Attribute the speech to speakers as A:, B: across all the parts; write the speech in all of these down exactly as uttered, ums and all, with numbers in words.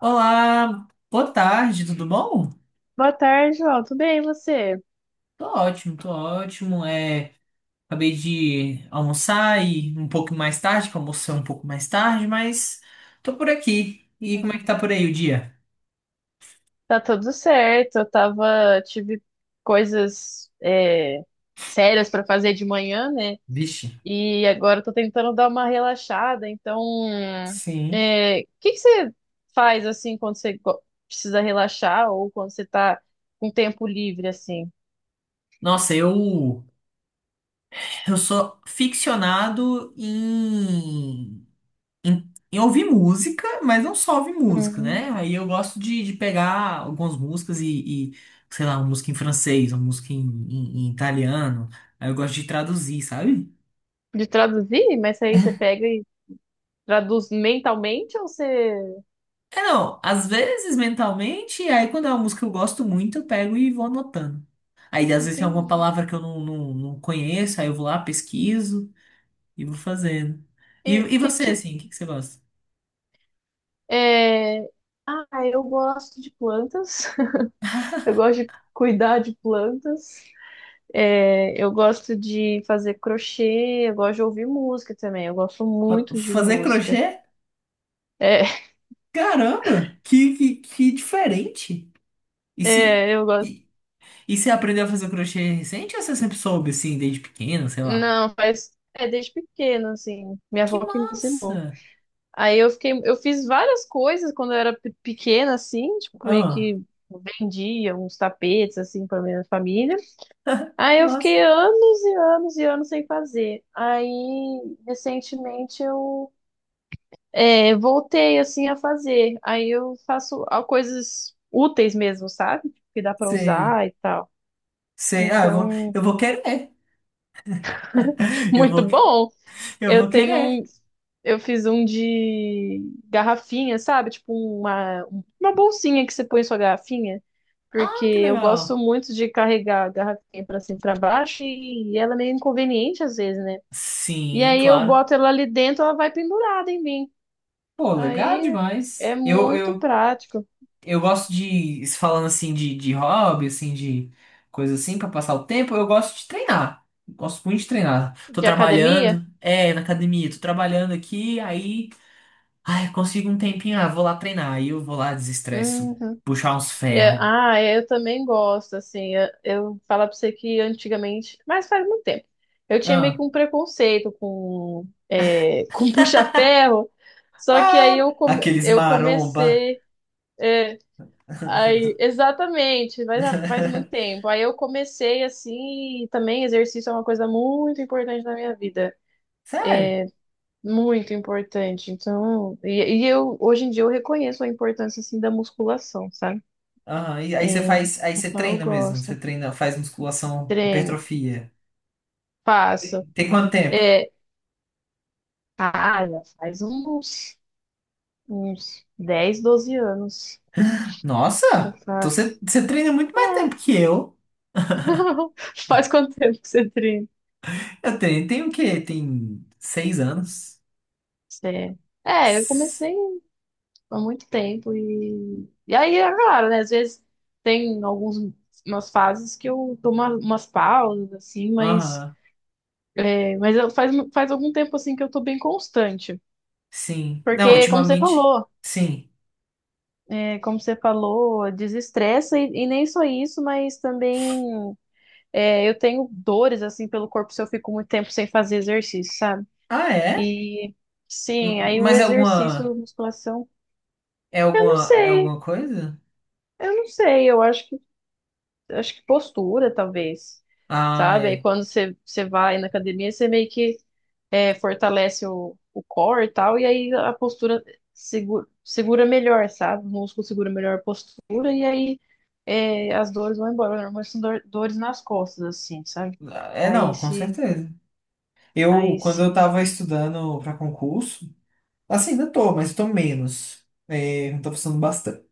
A: Olá, boa tarde, tudo bom?
B: Boa tarde, João. Tudo bem, e você?
A: Tô ótimo, tô ótimo. É, acabei de almoçar e um pouco mais tarde, que eu almocei um pouco mais tarde, mas tô por aqui. E como é que tá por aí o dia?
B: Tá tudo certo. Eu tava, tive coisas é, sérias pra fazer de manhã, né?
A: Vixe.
B: E agora eu tô tentando dar uma relaxada. Então,
A: Sim.
B: é, o que que você faz assim quando você go- precisa relaxar ou quando você tá com tempo livre assim?
A: Nossa, eu eu sou ficcionado em em, em, ouvir música, mas não só ouvir música, né?
B: Hum.
A: Aí eu gosto de, de pegar algumas músicas e, e, sei lá, uma música em francês, uma música em, em- em italiano. Aí eu gosto de traduzir, sabe?
B: De traduzir? Mas aí você pega e traduz mentalmente ou você.
A: É, não, às vezes mentalmente, aí quando é uma música que eu gosto muito, eu pego e vou anotando. Aí às vezes tem alguma
B: Entendi.
A: palavra que eu não, não, não conheço, aí eu vou lá, pesquiso e vou fazendo. E,
B: E
A: e
B: que
A: você,
B: tipo?
A: assim, o que que você gosta?
B: é, Ah, eu gosto de plantas. Eu gosto de cuidar de plantas. É, eu gosto de fazer crochê. Eu gosto de ouvir música também. Eu gosto
A: Fa-
B: muito de
A: Fazer
B: música.
A: crochê?
B: É,
A: Caramba, que, que, que diferente. E se,
B: é, eu gosto.
A: e, E você aprendeu a fazer crochê recente ou você sempre soube, assim, desde pequeno, sei lá?
B: Não, faz. É desde pequena, assim. Minha
A: Que
B: avó que me ensinou.
A: massa!
B: Aí eu fiquei. Eu fiz várias coisas quando eu era pe- pequena, assim. Tipo, meio
A: Ah,
B: que vendia uns tapetes, assim, pra minha família. Aí
A: que
B: eu
A: massa!
B: fiquei anos e anos e anos sem fazer. Aí, recentemente, eu é, voltei assim a fazer. Aí eu faço ah, coisas úteis mesmo, sabe? Que dá pra
A: Sei,
B: usar e tal.
A: sei. Ah, eu vou,
B: Então,
A: eu vou querer. Eu
B: muito
A: vou,
B: bom.
A: eu vou
B: Eu tenho
A: querer.
B: um, eu fiz um de garrafinha, sabe? Tipo uma, uma bolsinha que você põe sua garrafinha, porque
A: Ah, que
B: eu gosto
A: legal.
B: muito de carregar a garrafinha pra cima e pra baixo e ela é meio inconveniente às vezes, né? E
A: Sim,
B: aí eu
A: claro.
B: boto ela ali dentro, ela vai pendurada em mim.
A: Pô, legal
B: Aí é
A: demais. Eu,
B: muito
A: eu,
B: prático.
A: eu gosto de, falando assim, de, de hobby, assim, de coisa assim, pra passar o tempo, eu gosto de treinar. Gosto muito de treinar. Tô
B: De academia?
A: trabalhando, é, na academia, tô trabalhando aqui, aí. Ai, consigo um tempinho, ah, vou lá treinar. Aí eu vou lá, desestresso,
B: Uhum.
A: puxar uns
B: É,
A: ferros.
B: ah, é, eu também gosto, assim, eu, eu falar pra você que antigamente, mas faz muito tempo, eu tinha meio
A: Ah,
B: que um preconceito com, é, com puxa-ferro, só que aí
A: ah,
B: eu, come,
A: aqueles
B: eu
A: maromba.
B: comecei, é, aí, exatamente, faz faz muito tempo, aí eu comecei, assim, e também exercício é uma coisa muito importante na minha vida,
A: Sério?
B: muito importante, então, e, e eu, hoje em dia eu reconheço a importância, assim, da musculação, sabe?
A: Aham, e
B: É,
A: aí você faz, aí você
B: então eu
A: treina mesmo, você
B: gosto.
A: treina, faz musculação,
B: Treino,
A: hipertrofia.
B: faço.
A: Tem quanto tempo?
B: É, ah, já faz uns, uns dez doze anos que eu
A: Nossa, então você,
B: faço.
A: você treina muito
B: É.
A: mais tempo que eu.
B: Faz quanto tempo que você treina?
A: Eu treino, tem o quê? Tem seis anos?
B: Você- É, eu
A: S-
B: comecei há muito tempo. e... E aí, é claro, né? Às vezes tem alguns, umas fases que eu dou uma- umas pausas, assim, mas,
A: Aham,
B: é, mas eu- faz, faz algum tempo, assim, que eu tô bem constante.
A: sim. Não,
B: Porque, como você
A: ultimamente,
B: falou,
A: sim.
B: É, como você falou, desestressa e, e nem só isso, mas também é, eu tenho dores assim pelo corpo se eu fico muito tempo sem fazer exercício, sabe?
A: Ah, é?
B: E
A: M-
B: sim, aí o
A: Mas é
B: exercício,
A: alguma,
B: musculação,
A: é
B: eu não
A: alguma, é
B: sei,
A: alguma coisa?
B: eu não sei, eu acho acho que postura, talvez,
A: Ah,
B: sabe? Aí
A: é.
B: quando você, você vai na academia, você meio que é, fortalece o, o core e tal, e aí a postura segura, segura melhor, sabe? O músculo segura melhor a postura, e aí é, as dores vão embora. Normalmente são dor- dores nas costas, assim, sabe?
A: É,
B: Aí
A: não, com
B: se.
A: certeza. Eu,
B: Aí
A: quando eu
B: se.
A: tava estudando para concurso, assim, ainda tô, mas tô menos. É, não tô precisando bastante,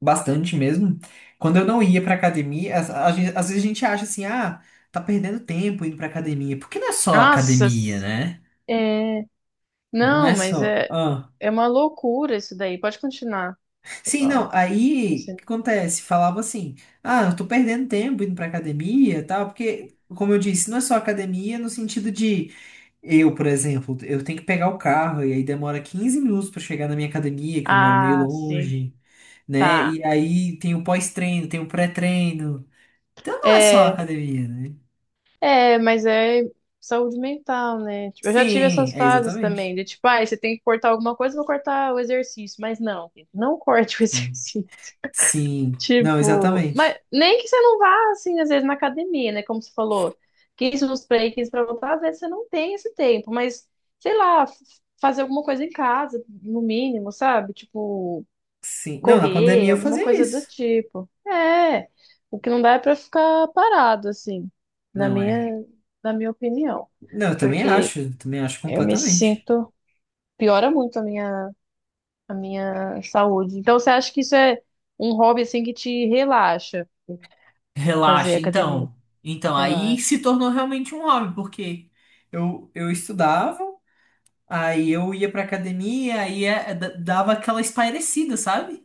A: bastante mesmo. Quando eu não ia pra academia, às, às ve- às vezes a gente acha assim, ah, tá perdendo tempo indo pra academia. Porque não é só
B: Nossa!
A: academia, né?
B: É,
A: Não
B: não,
A: é
B: mas
A: só.
B: é,
A: ah.
B: é uma loucura isso daí. Pode continuar.
A: Sim,
B: Ó,
A: não, aí o
B: você-
A: que acontece? Falava assim, ah, eu tô perdendo tempo indo pra academia, e tal, porque, como eu disse, não é só academia no sentido de. Eu, por exemplo, eu tenho que pegar o carro e aí demora quinze minutos pra chegar na minha academia, que eu moro meio
B: Ah, sim.
A: longe, né?
B: Tá.
A: E aí tem o pós-treino, tem o pré-treino. Então não é só a
B: É,
A: academia, né?
B: É, mas é saúde mental, né? Tipo, eu já tive
A: Sim,
B: essas
A: é
B: fases também,
A: exatamente.
B: de tipo, ah, você tem que cortar alguma coisa, eu vou cortar o exercício. Mas não, gente, não corte o
A: Sim.
B: exercício.
A: Sim. Não,
B: Tipo, mas
A: exatamente.
B: nem que você não vá, assim, às vezes na academia, né? Como você falou, quinze minutos pra ir, quinze pra voltar, às vezes você não tem esse tempo, mas sei lá, f- fazer alguma coisa em casa, no mínimo, sabe? Tipo,
A: Sim. Não, na pandemia
B: correr,
A: eu
B: alguma
A: fazia
B: coisa do
A: isso.
B: tipo. É, o que não dá é pra ficar parado, assim, na
A: Não é.
B: minha, na minha opinião.
A: Não, eu também
B: Porque
A: acho, eu também acho
B: eu me
A: completamente.
B: sinto, piora muito a minha, a minha saúde. Então, você acha que isso é um hobby, assim, que te relaxa, fazer
A: Relaxa,
B: academia?
A: então. Então, aí
B: Relaxa.
A: se tornou realmente um hobby, porque Eu, eu estudava. Aí eu ia pra academia, aí é- d- dava aquela espairecida, sabe?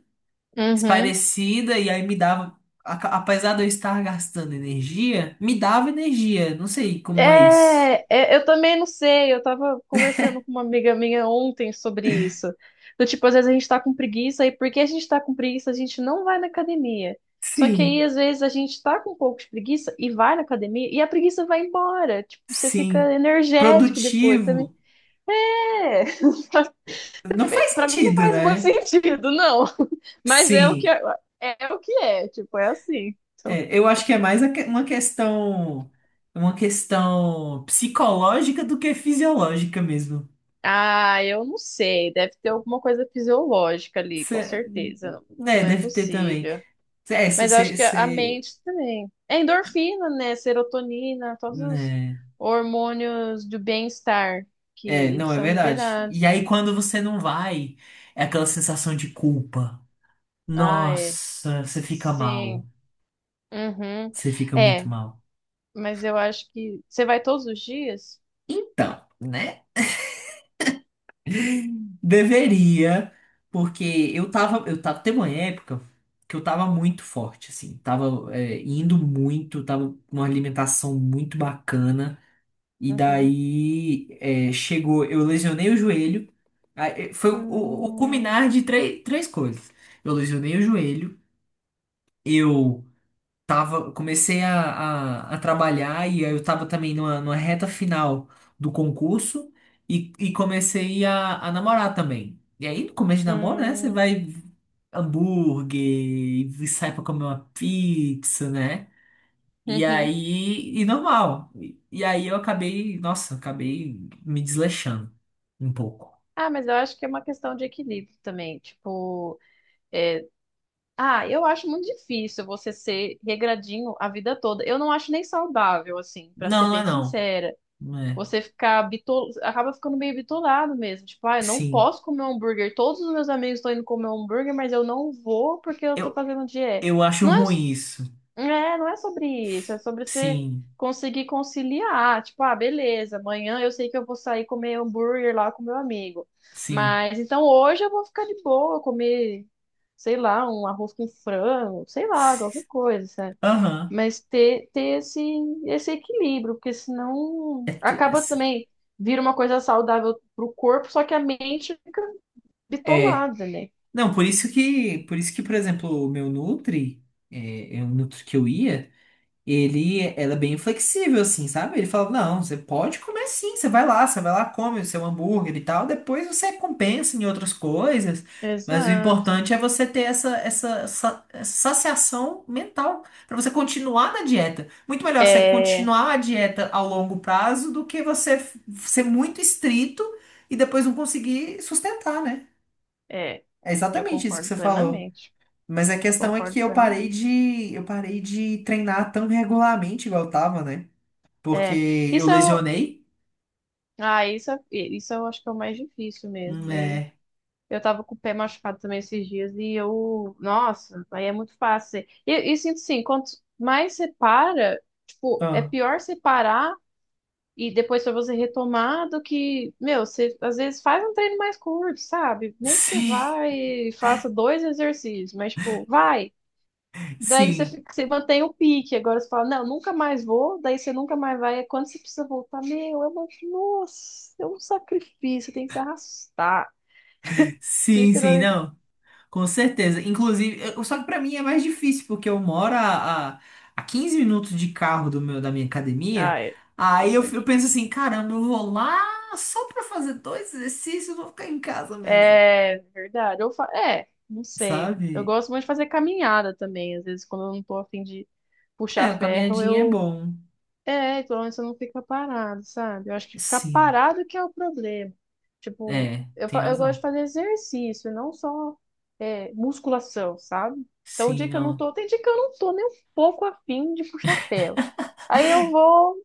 B: Uhum.
A: Espairecida, e aí me dava. a- Apesar de eu estar gastando energia, me dava energia. Não sei como é isso.
B: É, é, eu também não sei. Eu tava conversando com uma amiga minha ontem sobre isso. Do tipo, às vezes a gente tá com preguiça, e porque a gente tá com preguiça, a gente não vai na academia. Só que aí,
A: Sim,
B: às vezes, a gente tá com um pouco de preguiça e vai na academia, e a preguiça vai embora. Tipo, você
A: sim.
B: fica energético depois também.
A: Produtivo.
B: É,
A: Não faz
B: pra mim não
A: sentido,
B: faz muito
A: né?
B: sentido, não. Mas é o que
A: Sim.
B: é, é o que é, tipo, é assim. Então,
A: É, eu acho que é mais a que- uma questão. Uma questão psicológica do que fisiológica mesmo.
B: ah, eu não sei. Deve ter alguma coisa fisiológica ali, com
A: Cê,
B: certeza.
A: né,
B: Não é
A: deve ter também.
B: possível.
A: É,
B: Mas eu
A: você.
B: acho que a a mente também. É endorfina, né? Serotonina, todos os hormônios do bem-estar
A: É,
B: que eles
A: não, é
B: são
A: verdade.
B: liberados.
A: E aí,
B: Então.
A: quando você não vai, é aquela sensação de culpa.
B: Ah, é.
A: Nossa, você fica mal.
B: Sim. Uhum.
A: Você fica
B: É,
A: muito mal.
B: mas eu acho que. Você vai todos os dias?
A: Então, né? Deveria, porque eu tava, eu tava, teve uma época que eu tava muito forte, assim. Tava, é, indo muito, tava com uma alimentação muito bacana. E
B: Uhum.
A: daí, é, chegou, eu lesionei o joelho. Aí, eh, Foi o, o, o
B: Hum,
A: culminar de três, três coisas. Eu lesionei o joelho. Eu tava, comecei a, a, a trabalhar e aí eu tava também numa, numa, reta final do concurso e, e comecei a, a namorar também. E aí, no começo de namoro, né, você
B: hum,
A: vai hambúrguer e sai pra comer uma pizza, né? E
B: uhum.
A: aí, e normal. E, e aí eu acabei, nossa, acabei me desleixando um pouco.
B: Ah, mas eu acho que é uma questão de equilíbrio também. Tipo. é, Ah, eu acho muito difícil você ser regradinho a vida toda. Eu não acho nem saudável, assim, pra ser
A: Não, não é
B: bem
A: não.
B: sincera.
A: Não é.
B: Você ficar bitol... acaba ficando meio bitolado mesmo. Tipo, ah, eu não
A: Sim.
B: posso comer um hambúrguer. Todos os meus amigos estão indo comer um hambúrguer, mas eu não vou porque eu tô
A: Eu,
B: fazendo dieta.
A: eu acho
B: Não é
A: ruim isso.
B: é, não é sobre isso, é sobre você
A: Sim,
B: conseguir conciliar. Tipo, ah, beleza, amanhã eu sei que eu vou sair comer hambúrguer lá com meu amigo.
A: sim.
B: Mas então hoje eu vou ficar de boa, comer, sei lá, um arroz com frango, sei lá, qualquer
A: S-
B: coisa, sabe?
A: Aham.
B: Mas ter, ter esse, esse equilíbrio, porque senão
A: É, tu- é,
B: acaba
A: se-
B: também vira uma coisa saudável pro corpo, só que a mente fica
A: é.
B: bitolada, né?
A: não, por isso que, por isso que, por exemplo, o meu Nutri, é, é o Nutri que eu ia, ele era bem flexível, assim, sabe? Ele falava, não, você pode comer sim, você vai lá, você vai lá, come o seu hambúrguer e tal, depois você compensa em outras coisas, mas o
B: Exato.
A: importante é você ter essa, essa, sa- essa saciação mental, para você continuar na dieta. Muito melhor você
B: É,
A: continuar a dieta ao longo prazo do que você f- ser muito estrito e depois não conseguir sustentar, né?
B: é,
A: É
B: eu
A: exatamente isso que
B: concordo
A: você falou.
B: plenamente.
A: Mas a questão é que
B: Concordo
A: eu parei
B: plenamente.
A: de, eu parei de treinar tão regularmente igual eu tava, né?
B: É,
A: Porque eu
B: isso é o,
A: lesionei,
B: ah, isso, é- isso eu acho que é o mais difícil mesmo. E
A: né?
B: eu tava com o pé machucado também esses dias e eu, nossa, aí é muito fácil. E eu, eu sinto assim, quanto mais você para, tipo, é
A: Ah,
B: pior você parar e depois pra você retomar do que, meu, você às vezes faz um treino mais curto, sabe? Nem que você
A: sim,
B: vá e faça dois exercícios, mas tipo, vai. Daí você,
A: sim,
B: fica- você mantém o pique. Agora você fala, não, nunca mais vou. Daí você nunca mais vai. É Quando você precisa voltar, meu, é uma, nossa, é um sacrifício. Tem que se arrastar.
A: sim, sim,
B: Literalmente.
A: não, com certeza. Inclusive, eu- só que pra mim é mais difícil, porque eu moro a, a, a quinze minutos de carro do meu, da minha academia.
B: Ah, é.
A: Aí
B: Isso
A: eu,
B: é
A: f- eu penso
B: difícil.
A: assim, caramba, eu vou lá só pra fazer dois exercícios, eu vou ficar em casa mesmo,
B: É verdade. Eu fa... É, não sei. Eu
A: sabe?
B: gosto muito de fazer caminhada também. Às vezes, quando eu não tô a fim de
A: É,
B: puxar
A: a
B: ferro,
A: caminhadinha é
B: eu
A: bom.
B: É, pelo menos você não fica parado, sabe? Eu acho que ficar
A: Sim,
B: parado que é o problema. Tipo,
A: é,
B: eu,
A: tem
B: fa- eu gosto de
A: razão.
B: fazer exercício, e não só é, musculação, sabe? Então, o
A: Sim,
B: dia que eu não
A: não.
B: tô, tem dia que eu não tô nem um pouco afim de puxar ferro. Aí eu vou,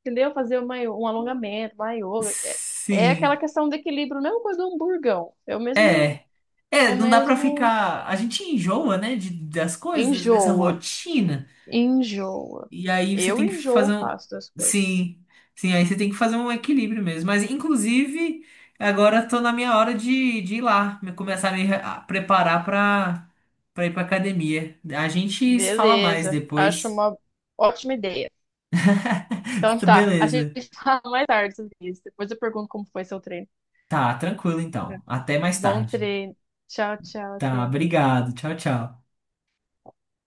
B: entendeu? Fazer uma, um alongamento, uma yoga. É, é
A: Sim,
B: aquela questão do equilíbrio, a mesma coisa do hamburgão. É o mesmo,
A: é. É,
B: o
A: não dá pra
B: mesmo
A: ficar. A gente enjoa, né, de, das coisas, dessa
B: enjoa,
A: rotina.
B: enjoa.
A: E aí você
B: Eu
A: tem que fazer
B: enjoo
A: um.
B: fácil das coisas.
A: Sim, sim, aí você tem que fazer um equilíbrio mesmo. Mas, inclusive, agora tô na minha hora de, de ir lá, me- começar a me re- a preparar pra, pra ir pra academia. A gente se fala mais
B: Beleza, acho
A: depois.
B: uma ótima ideia. Então tá, a gente
A: Beleza.
B: fala mais tarde sobre isso. Depois eu pergunto como foi seu treino.
A: Tá, tranquilo então. Até mais
B: Bom
A: tarde.
B: treino. Tchau, tchau.
A: Tá,
B: Até
A: obrigado. Tchau, tchau.